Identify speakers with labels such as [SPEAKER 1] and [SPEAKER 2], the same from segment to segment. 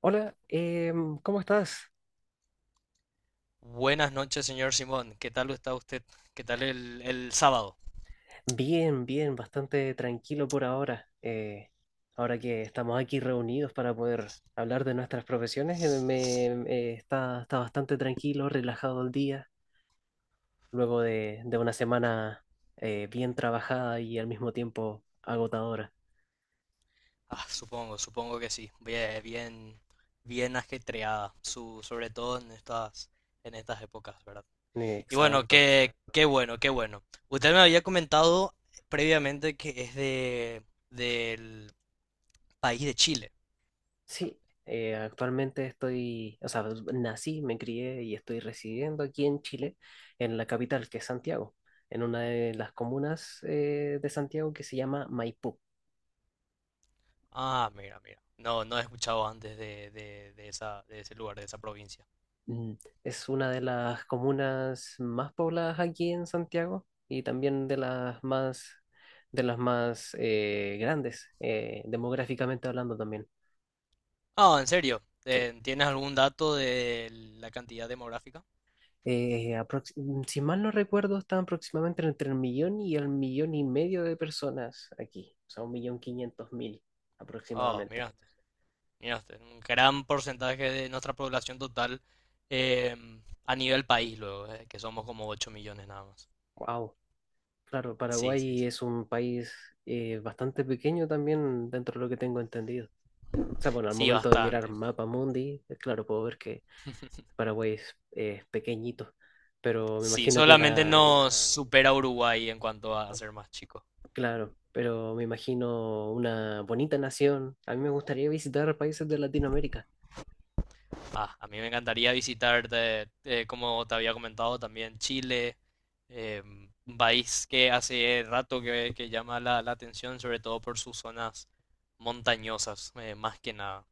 [SPEAKER 1] Hola, ¿cómo estás?
[SPEAKER 2] Buenas noches, señor Simón. ¿Qué tal está usted? ¿Qué tal el sábado?
[SPEAKER 1] Bien, bien, bastante tranquilo por ahora. Ahora que estamos aquí reunidos para poder hablar de nuestras profesiones, está bastante tranquilo, relajado el día, luego de una semana bien trabajada y al mismo tiempo agotadora.
[SPEAKER 2] Ah, supongo que sí. Bien, bien, bien ajetreada, sobre todo en en estas épocas, ¿verdad? Y bueno,
[SPEAKER 1] Exacto.
[SPEAKER 2] qué bueno, qué bueno. Usted me había comentado previamente que es del país de Chile.
[SPEAKER 1] Sí, actualmente estoy, o sea, nací, me crié y estoy residiendo aquí en Chile, en la capital, que es Santiago, en una de las comunas de Santiago que se llama Maipú.
[SPEAKER 2] Ah, mira, mira. No, no he escuchado antes de esa, de ese lugar, de esa provincia.
[SPEAKER 1] Mm. Es una de las comunas más pobladas aquí en Santiago y también de las más grandes, demográficamente hablando también.
[SPEAKER 2] Ah, ¿en serio?
[SPEAKER 1] Sí.
[SPEAKER 2] ¿Tienes algún dato de la cantidad demográfica?
[SPEAKER 1] eh, aprox- si mal no recuerdo, estaban aproximadamente entre el millón y medio de personas aquí, o sea, 1.500.000
[SPEAKER 2] Ah,
[SPEAKER 1] aproximadamente.
[SPEAKER 2] mira. Mira usted, un gran porcentaje de nuestra población total eh, a nivel país, luego, que somos como 8 millones nada más.
[SPEAKER 1] Wow. Claro,
[SPEAKER 2] Sí, sí,
[SPEAKER 1] Paraguay
[SPEAKER 2] sí.
[SPEAKER 1] es un país bastante pequeño también dentro de lo que tengo entendido. O sea, bueno, al
[SPEAKER 2] Sí,
[SPEAKER 1] momento de mirar
[SPEAKER 2] bastante.
[SPEAKER 1] Mapa Mundi, claro, puedo ver que Paraguay es pequeñito, pero me
[SPEAKER 2] Sí,
[SPEAKER 1] imagino que
[SPEAKER 2] solamente
[SPEAKER 1] una,
[SPEAKER 2] nos supera Uruguay en cuanto a ser más chico.
[SPEAKER 1] claro, pero me imagino una bonita nación. A mí me gustaría visitar países de Latinoamérica.
[SPEAKER 2] Ah, a mí me encantaría visitar, como te había comentado, también Chile, eh, un país que hace rato que llama la atención, sobre todo por sus zonas montañosas, más que nada,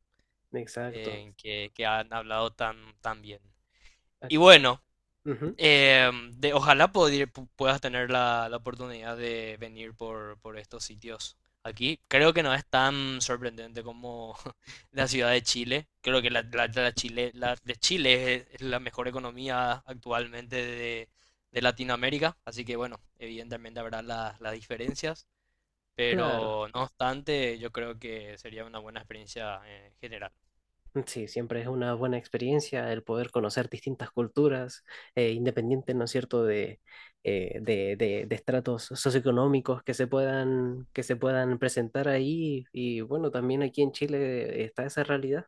[SPEAKER 1] Exacto.
[SPEAKER 2] que han hablado tan, tan bien. Y bueno,
[SPEAKER 1] Ujú.
[SPEAKER 2] ojalá puedas tener la oportunidad de venir por estos sitios aquí. Creo que no es tan sorprendente como la ciudad de Chile. Creo que la Chile, la de Chile es la mejor economía actualmente de Latinoamérica. Así que bueno, evidentemente habrá las diferencias.
[SPEAKER 1] Claro,
[SPEAKER 2] Pero no obstante, yo creo que sería una buena experiencia en general.
[SPEAKER 1] sí, siempre es una buena experiencia el poder conocer distintas culturas, independiente, ¿no es cierto?, de estratos socioeconómicos que se puedan presentar ahí. Y bueno, también aquí en Chile está esa realidad.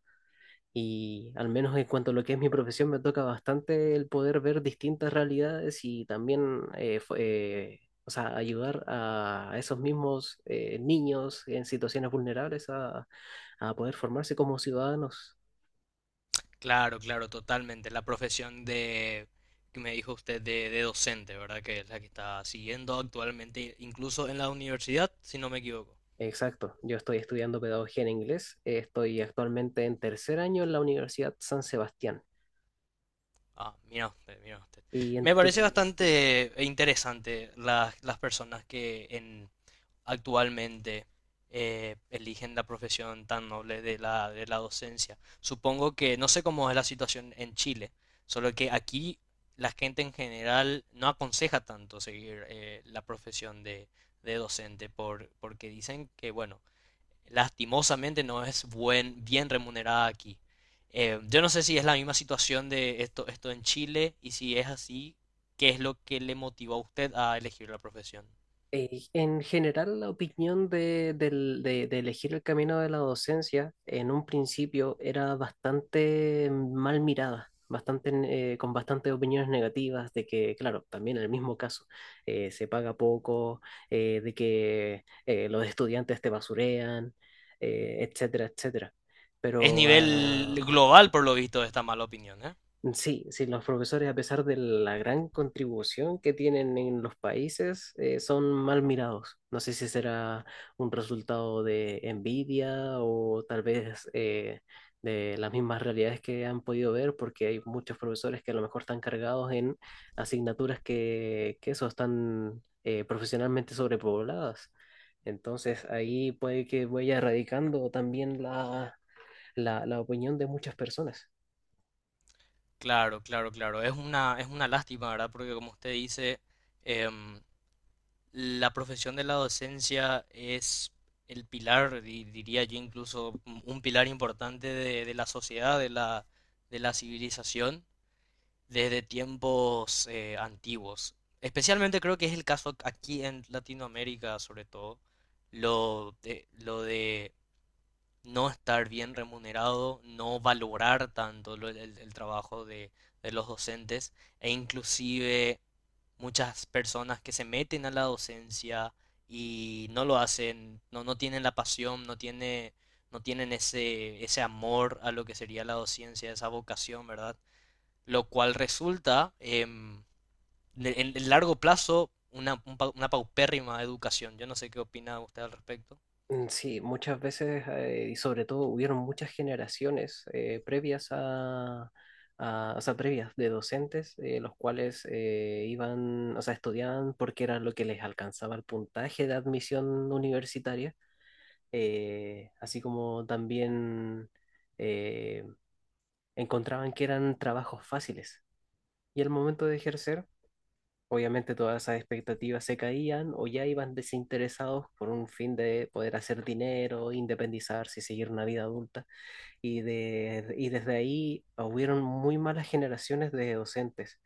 [SPEAKER 1] Y al menos en cuanto a lo que es mi profesión, me toca bastante el poder ver distintas realidades y también o sea, ayudar a esos mismos niños en situaciones vulnerables a poder formarse como ciudadanos.
[SPEAKER 2] Claro, claro, totalmente. La profesión que me dijo usted, de docente, ¿verdad? Que es la que está siguiendo actualmente, incluso en la universidad, si no me equivoco.
[SPEAKER 1] Exacto, yo estoy estudiando pedagogía en inglés, estoy actualmente en tercer año en la Universidad San Sebastián.
[SPEAKER 2] Ah, mira usted, mira usted.
[SPEAKER 1] Y en
[SPEAKER 2] Me
[SPEAKER 1] tu
[SPEAKER 2] parece bastante interesante las personas actualmente eligen la profesión tan noble de de la docencia. Supongo que no sé cómo es la situación en Chile, solo que aquí la gente en general no aconseja tanto seguir la profesión de docente porque dicen que, bueno, lastimosamente no es bien remunerada aquí. Yo no sé si es la misma situación de esto en Chile y si es así, ¿qué es lo que le motivó a usted a elegir la profesión?
[SPEAKER 1] en general, la opinión de elegir el camino de la docencia en un principio era bastante mal mirada, bastante, con bastantes opiniones negativas de que, claro, también en el mismo caso, se paga poco, de que los estudiantes te basurean, etcétera, etcétera.
[SPEAKER 2] Es
[SPEAKER 1] Pero
[SPEAKER 2] nivel global, por lo visto, esta mala opinión, ¿eh?
[SPEAKER 1] mm, sí, sí, los profesores, a pesar de la gran contribución que tienen en los países, son mal mirados. No sé si será un resultado de envidia o tal vez de las mismas realidades que han podido ver, porque hay muchos profesores que a lo mejor están cargados en asignaturas que eso, están profesionalmente sobrepobladas. Entonces ahí puede que vaya erradicando también la opinión de muchas personas.
[SPEAKER 2] Claro, claro, claro. Es una lástima, ¿verdad? Porque como usted dice, em, la profesión de la docencia es el pilar, diría yo incluso, un pilar importante de la sociedad, de la civilización desde tiempos antiguos. Especialmente creo que es el caso aquí en Latinoamérica, sobre todo, lo de no estar bien remunerado, no valorar tanto el trabajo de los docentes e inclusive muchas personas que se meten a la docencia y no lo hacen, no tienen la pasión, no tienen ese, ese amor a lo que sería la docencia, esa vocación, ¿verdad? Lo cual resulta en el largo plazo una paupérrima educación. Yo no sé qué opina usted al respecto.
[SPEAKER 1] Mm, sí, muchas veces y sobre todo hubieron muchas generaciones previas o sea, previas de docentes, los cuales iban, o sea, estudiaban porque era lo que les alcanzaba el puntaje de admisión universitaria, así como también eh, encontraban que eran trabajos fáciles. Y al momento de ejercer, obviamente todas esas expectativas se caían o ya iban desinteresados por un fin de poder hacer dinero, independizarse y seguir una vida adulta. Y desde ahí hubieron muy malas generaciones de docentes.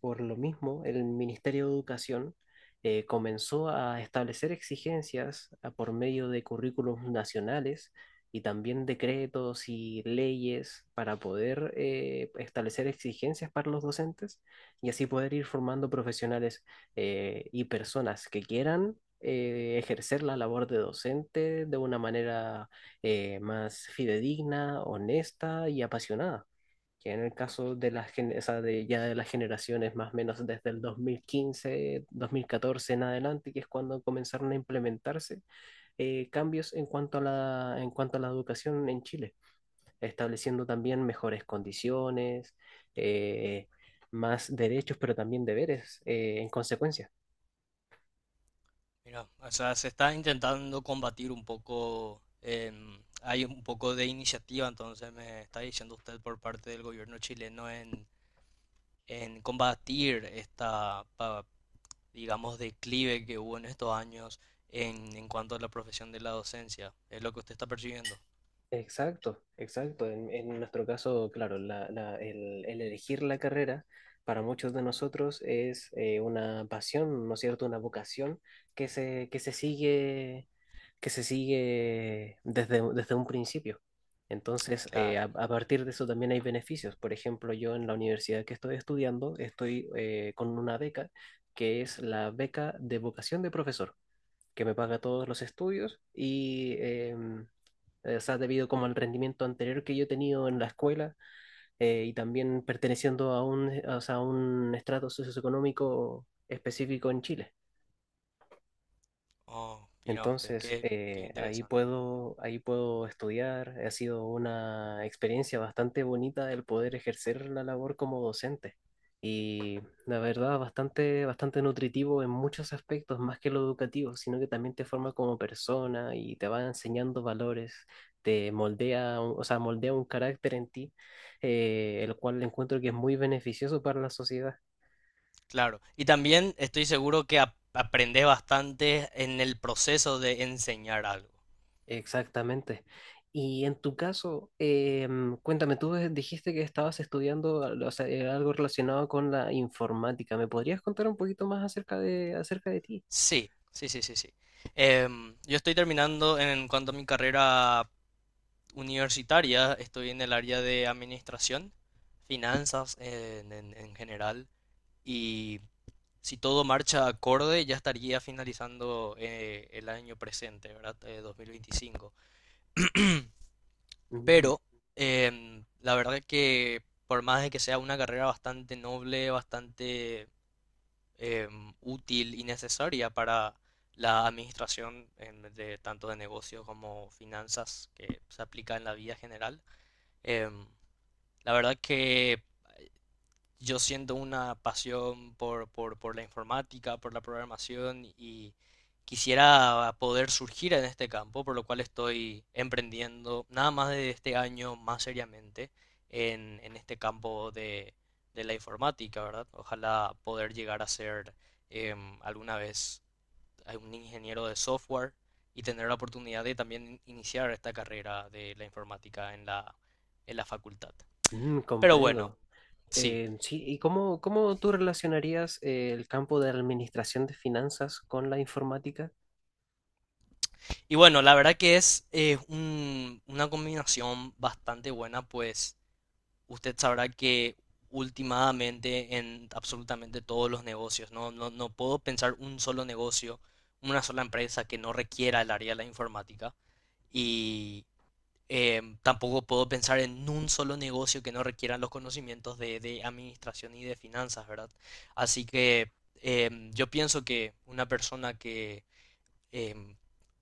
[SPEAKER 1] Por lo mismo, el Ministerio de Educación comenzó a establecer exigencias por medio de currículos nacionales y también decretos y leyes para poder establecer exigencias para los docentes y así poder ir formando profesionales y personas que quieran ejercer la labor de docente de una manera más fidedigna, honesta y apasionada que en el caso de las o sea, de ya de las generaciones más o menos desde el 2015, 2014 en adelante, que es cuando comenzaron a implementarse cambios en cuanto a la educación en Chile, estableciendo también mejores condiciones, eh, más derechos, pero también deberes en consecuencia.
[SPEAKER 2] Mira, o sea, se está intentando combatir un poco, em, hay un poco de iniciativa, entonces me está diciendo usted por parte del gobierno chileno en combatir esta, digamos, declive que hubo en estos años en cuanto a la profesión de la docencia. ¿Es lo que usted está percibiendo?
[SPEAKER 1] Exacto, exacto. En nuestro caso, claro, el elegir la carrera para muchos de nosotros es una pasión, ¿no es cierto? Una vocación que se, que se sigue, que se sigue desde un principio. Entonces, eh,
[SPEAKER 2] Claro.
[SPEAKER 1] a, a partir de eso también hay beneficios. Por ejemplo, yo en la universidad que estoy estudiando estoy con una beca que es la beca de vocación de profesor que me paga todos los estudios y o sea, debido como al rendimiento anterior que yo he tenido en la escuela y también perteneciendo a un, o sea, a un estrato socioeconómico específico en Chile.
[SPEAKER 2] Oh, mira usted,
[SPEAKER 1] Entonces,
[SPEAKER 2] qué, qué
[SPEAKER 1] ahí
[SPEAKER 2] interesante.
[SPEAKER 1] puedo, ahí puedo estudiar. Ha sido una experiencia bastante bonita el poder ejercer la labor como docente. Y la verdad, bastante, bastante nutritivo en muchos aspectos, más que lo educativo, sino que también te forma como persona y te va enseñando valores, te moldea, o sea, moldea un carácter en ti, el cual encuentro que es muy beneficioso para la sociedad.
[SPEAKER 2] Claro, y también estoy seguro que aprendes bastante en el proceso de enseñar algo.
[SPEAKER 1] Exactamente. Y en tu caso, cuéntame, tú dijiste que estabas estudiando o sea, algo relacionado con la informática. ¿Me podrías contar un poquito más acerca de ti?
[SPEAKER 2] Sí, sí, sí, sí, sí. Em, yo estoy terminando en cuanto a mi carrera universitaria, estoy en el área de administración, finanzas en general, y si todo marcha acorde, ya estaría finalizando el año presente, ¿verdad? 2025.
[SPEAKER 1] Mm,
[SPEAKER 2] Pero em, la verdad que por más de que sea una carrera bastante noble, bastante em, útil y necesaria para la administración de tanto de negocios como finanzas que se aplica en la vida general, em, la verdad que yo siento una pasión por la informática, por la programación y quisiera poder surgir en este campo, por lo cual estoy emprendiendo nada más de este año más seriamente en este campo de la informática, ¿verdad? Ojalá poder llegar a ser em, alguna vez un ingeniero de software y tener la oportunidad de también iniciar esta carrera de la informática en en la facultad.
[SPEAKER 1] mm.
[SPEAKER 2] Pero bueno,
[SPEAKER 1] Comprendo.
[SPEAKER 2] sí.
[SPEAKER 1] Sí, ¿y cómo tú relacionarías el campo de administración de finanzas con la informática?
[SPEAKER 2] Y bueno, la verdad que es una combinación bastante buena, pues usted sabrá que últimamente en absolutamente todos los negocios, no puedo pensar un solo negocio, una sola empresa que no requiera el área de la informática. Y em, tampoco puedo pensar en un solo negocio que no requiera los conocimientos de administración y de finanzas, ¿verdad? Así que em, yo pienso que una persona que em,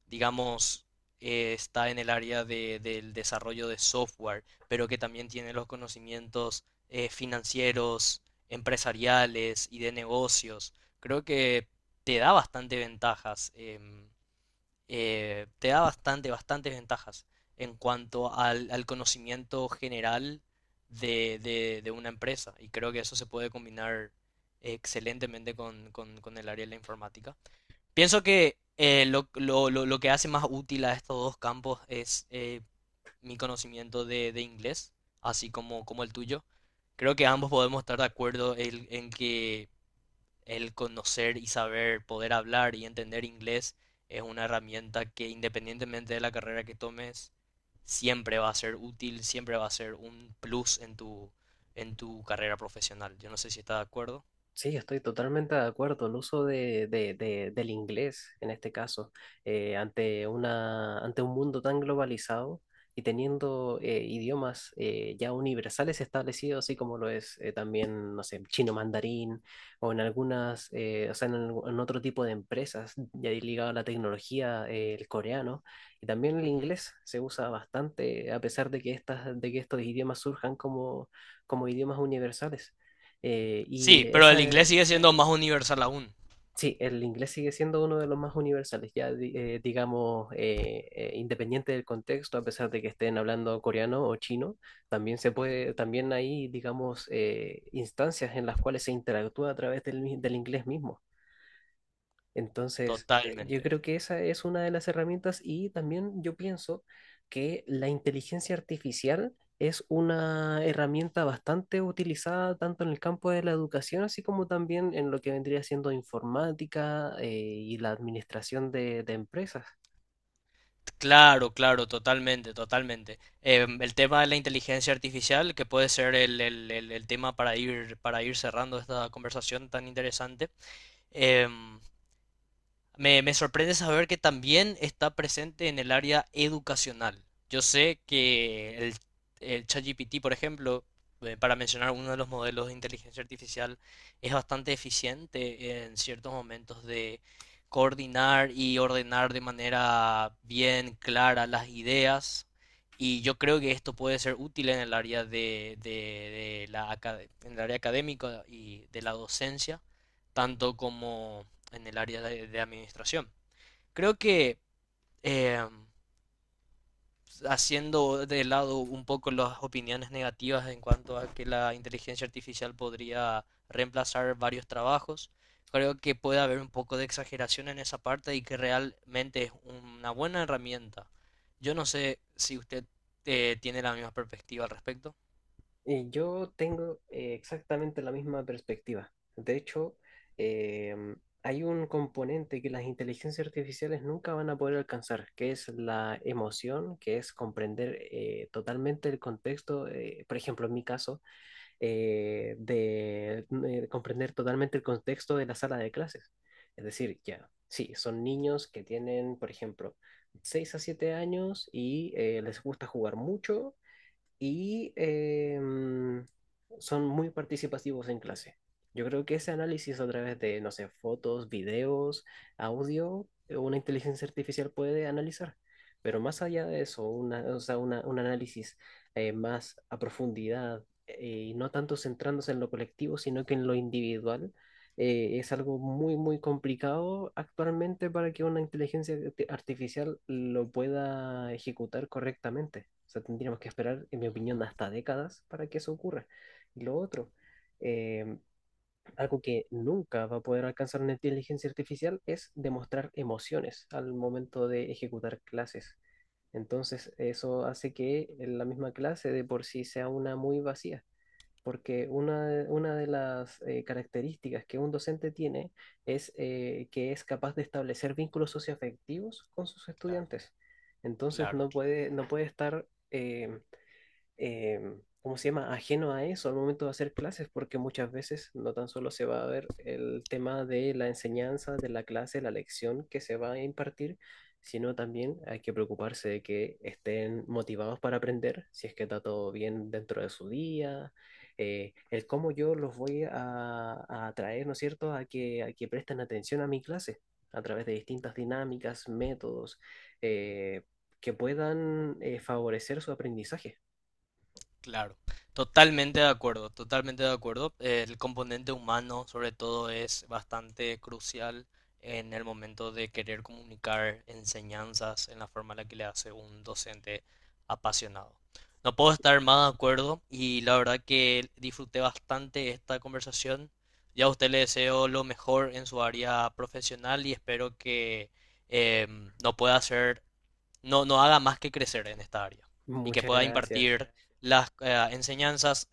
[SPEAKER 2] digamos, está en el área del desarrollo de software, pero que también tiene los conocimientos financieros, empresariales y de negocios. Creo que te da bastante ventajas, em, te da bastante, bastantes ventajas en cuanto al conocimiento general de una empresa. Y creo que eso se puede combinar excelentemente con con el área de la informática. Pienso que lo que hace más útil a estos dos campos es mi conocimiento de inglés, así como, como el tuyo. Creo que ambos podemos estar de acuerdo en que el conocer y saber, poder hablar y entender inglés es una herramienta que, independientemente de la carrera que tomes, siempre va a ser útil, siempre va a ser un plus en en tu carrera profesional. Yo no sé si estás de acuerdo.
[SPEAKER 1] Sí, estoy totalmente de acuerdo. El uso del inglés, en este caso, ante un mundo tan globalizado y teniendo idiomas ya universales establecidos, así como lo es también, no sé, chino mandarín o o sea, en otro tipo de empresas ya ligado a la tecnología, el coreano y también el
[SPEAKER 2] Ujú.
[SPEAKER 1] inglés se usa bastante, a pesar de que estos idiomas surjan como idiomas universales. Eh, y
[SPEAKER 2] Sí, pero
[SPEAKER 1] esa,
[SPEAKER 2] el inglés sigue siendo más universal aún.
[SPEAKER 1] Sí, el inglés sigue siendo uno de los más universales, ya digamos, independiente del contexto, a pesar de que estén hablando coreano o chino,
[SPEAKER 2] Ujú.
[SPEAKER 1] también hay, digamos, instancias en las cuales se interactúa a través del inglés mismo. Entonces, yo
[SPEAKER 2] Totalmente.
[SPEAKER 1] creo que esa es una de las herramientas y también yo pienso que la inteligencia artificial es una herramienta bastante utilizada tanto en el campo de la educación, así como también en lo que vendría siendo informática, y la administración de empresas.
[SPEAKER 2] Claro, claro, totalmente, totalmente. Em, el tema de la inteligencia artificial, que puede ser el tema para para ir cerrando esta conversación tan interesante. Em, me sorprende saber que también está presente en el área educacional. Yo sé que el ChatGPT, por ejemplo, para mencionar uno de los modelos de inteligencia artificial, es bastante eficiente en ciertos momentos de coordinar y ordenar de manera bien clara las ideas. Y yo creo que esto puede ser útil en el área de, en el área académica y de la docencia, tanto como en el área de administración. Creo que eh, haciendo de lado un poco las opiniones negativas en cuanto a que la inteligencia artificial podría reemplazar varios trabajos, creo que puede haber un poco de exageración en esa parte y que realmente es una buena herramienta. Yo no sé si usted tiene la misma perspectiva al respecto.
[SPEAKER 1] Yo tengo exactamente la misma perspectiva. De hecho, eh, hay un componente que las inteligencias artificiales nunca van a poder alcanzar, que es la emoción, que es comprender totalmente el contexto, por ejemplo, en mi caso, eh, de, comprender totalmente el contexto de la sala de clases. Es decir, ya, sí, son niños que tienen, por ejemplo, 6 a 7 años y les gusta jugar mucho y son muy participativos en clase. Yo creo que ese análisis a través de, no sé, fotos, videos, audio, una inteligencia artificial puede analizar. Pero más allá de eso, o sea, un análisis más a profundidad y no tanto centrándose en lo colectivo, sino que en lo individual, es algo muy, muy complicado actualmente para que una inteligencia artificial lo pueda ejecutar correctamente. O sea, tendríamos que esperar, en mi
[SPEAKER 2] Ujú.
[SPEAKER 1] opinión, hasta décadas para que eso ocurra. Y lo otro, eh, algo que nunca va a poder alcanzar una inteligencia artificial es demostrar emociones al momento de ejecutar clases. Entonces, eso hace que la misma clase de por sí sea una muy vacía porque una de las características que un docente tiene es que es capaz de establecer vínculos socioafectivos con sus
[SPEAKER 2] Claro,
[SPEAKER 1] estudiantes. Entonces
[SPEAKER 2] claro,
[SPEAKER 1] no
[SPEAKER 2] claro.
[SPEAKER 1] puede, no puede estar eh, ¿cómo se llama?, ajeno a eso al momento de hacer clases, porque muchas veces no tan solo se va a ver el tema de la enseñanza, de la clase, la lección que se va a impartir, sino también hay que preocuparse de que estén motivados para aprender, si es que está todo bien dentro de su día, el cómo yo los voy a atraer, ¿no es cierto?, a que presten atención a mi clase a través de distintas dinámicas, métodos, eh, que puedan favorecer su aprendizaje.
[SPEAKER 2] Claro, totalmente de acuerdo, totalmente de acuerdo. El componente humano, sobre todo, es bastante crucial en el momento de querer comunicar enseñanzas en la forma en la que le hace un docente apasionado. No puedo estar más de acuerdo y la verdad que disfruté bastante esta conversación. Ya a usted le deseo lo mejor en su área profesional y espero que em, no pueda ser no haga más que crecer en esta área y que
[SPEAKER 1] Muchas
[SPEAKER 2] pueda
[SPEAKER 1] gracias.
[SPEAKER 2] impartir las enseñanzas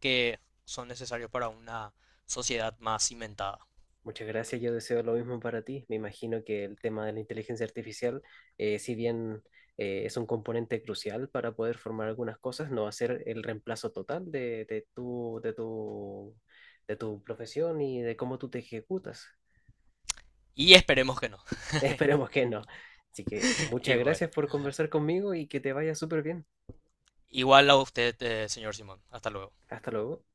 [SPEAKER 2] que son necesarias para una sociedad más cimentada.
[SPEAKER 1] Muchas gracias. Yo deseo lo mismo para ti. Me imagino que el tema de la inteligencia artificial, si bien es un componente crucial para poder formar algunas cosas, no va a ser el reemplazo total de tu profesión y de cómo tú te ejecutas.
[SPEAKER 2] Y esperemos que no.
[SPEAKER 1] Esperemos que no. Así que muchas
[SPEAKER 2] Y bueno,
[SPEAKER 1] gracias por conversar conmigo y que te vaya súper bien.
[SPEAKER 2] igual a usted, señor Simón. Hasta luego.
[SPEAKER 1] Hasta luego.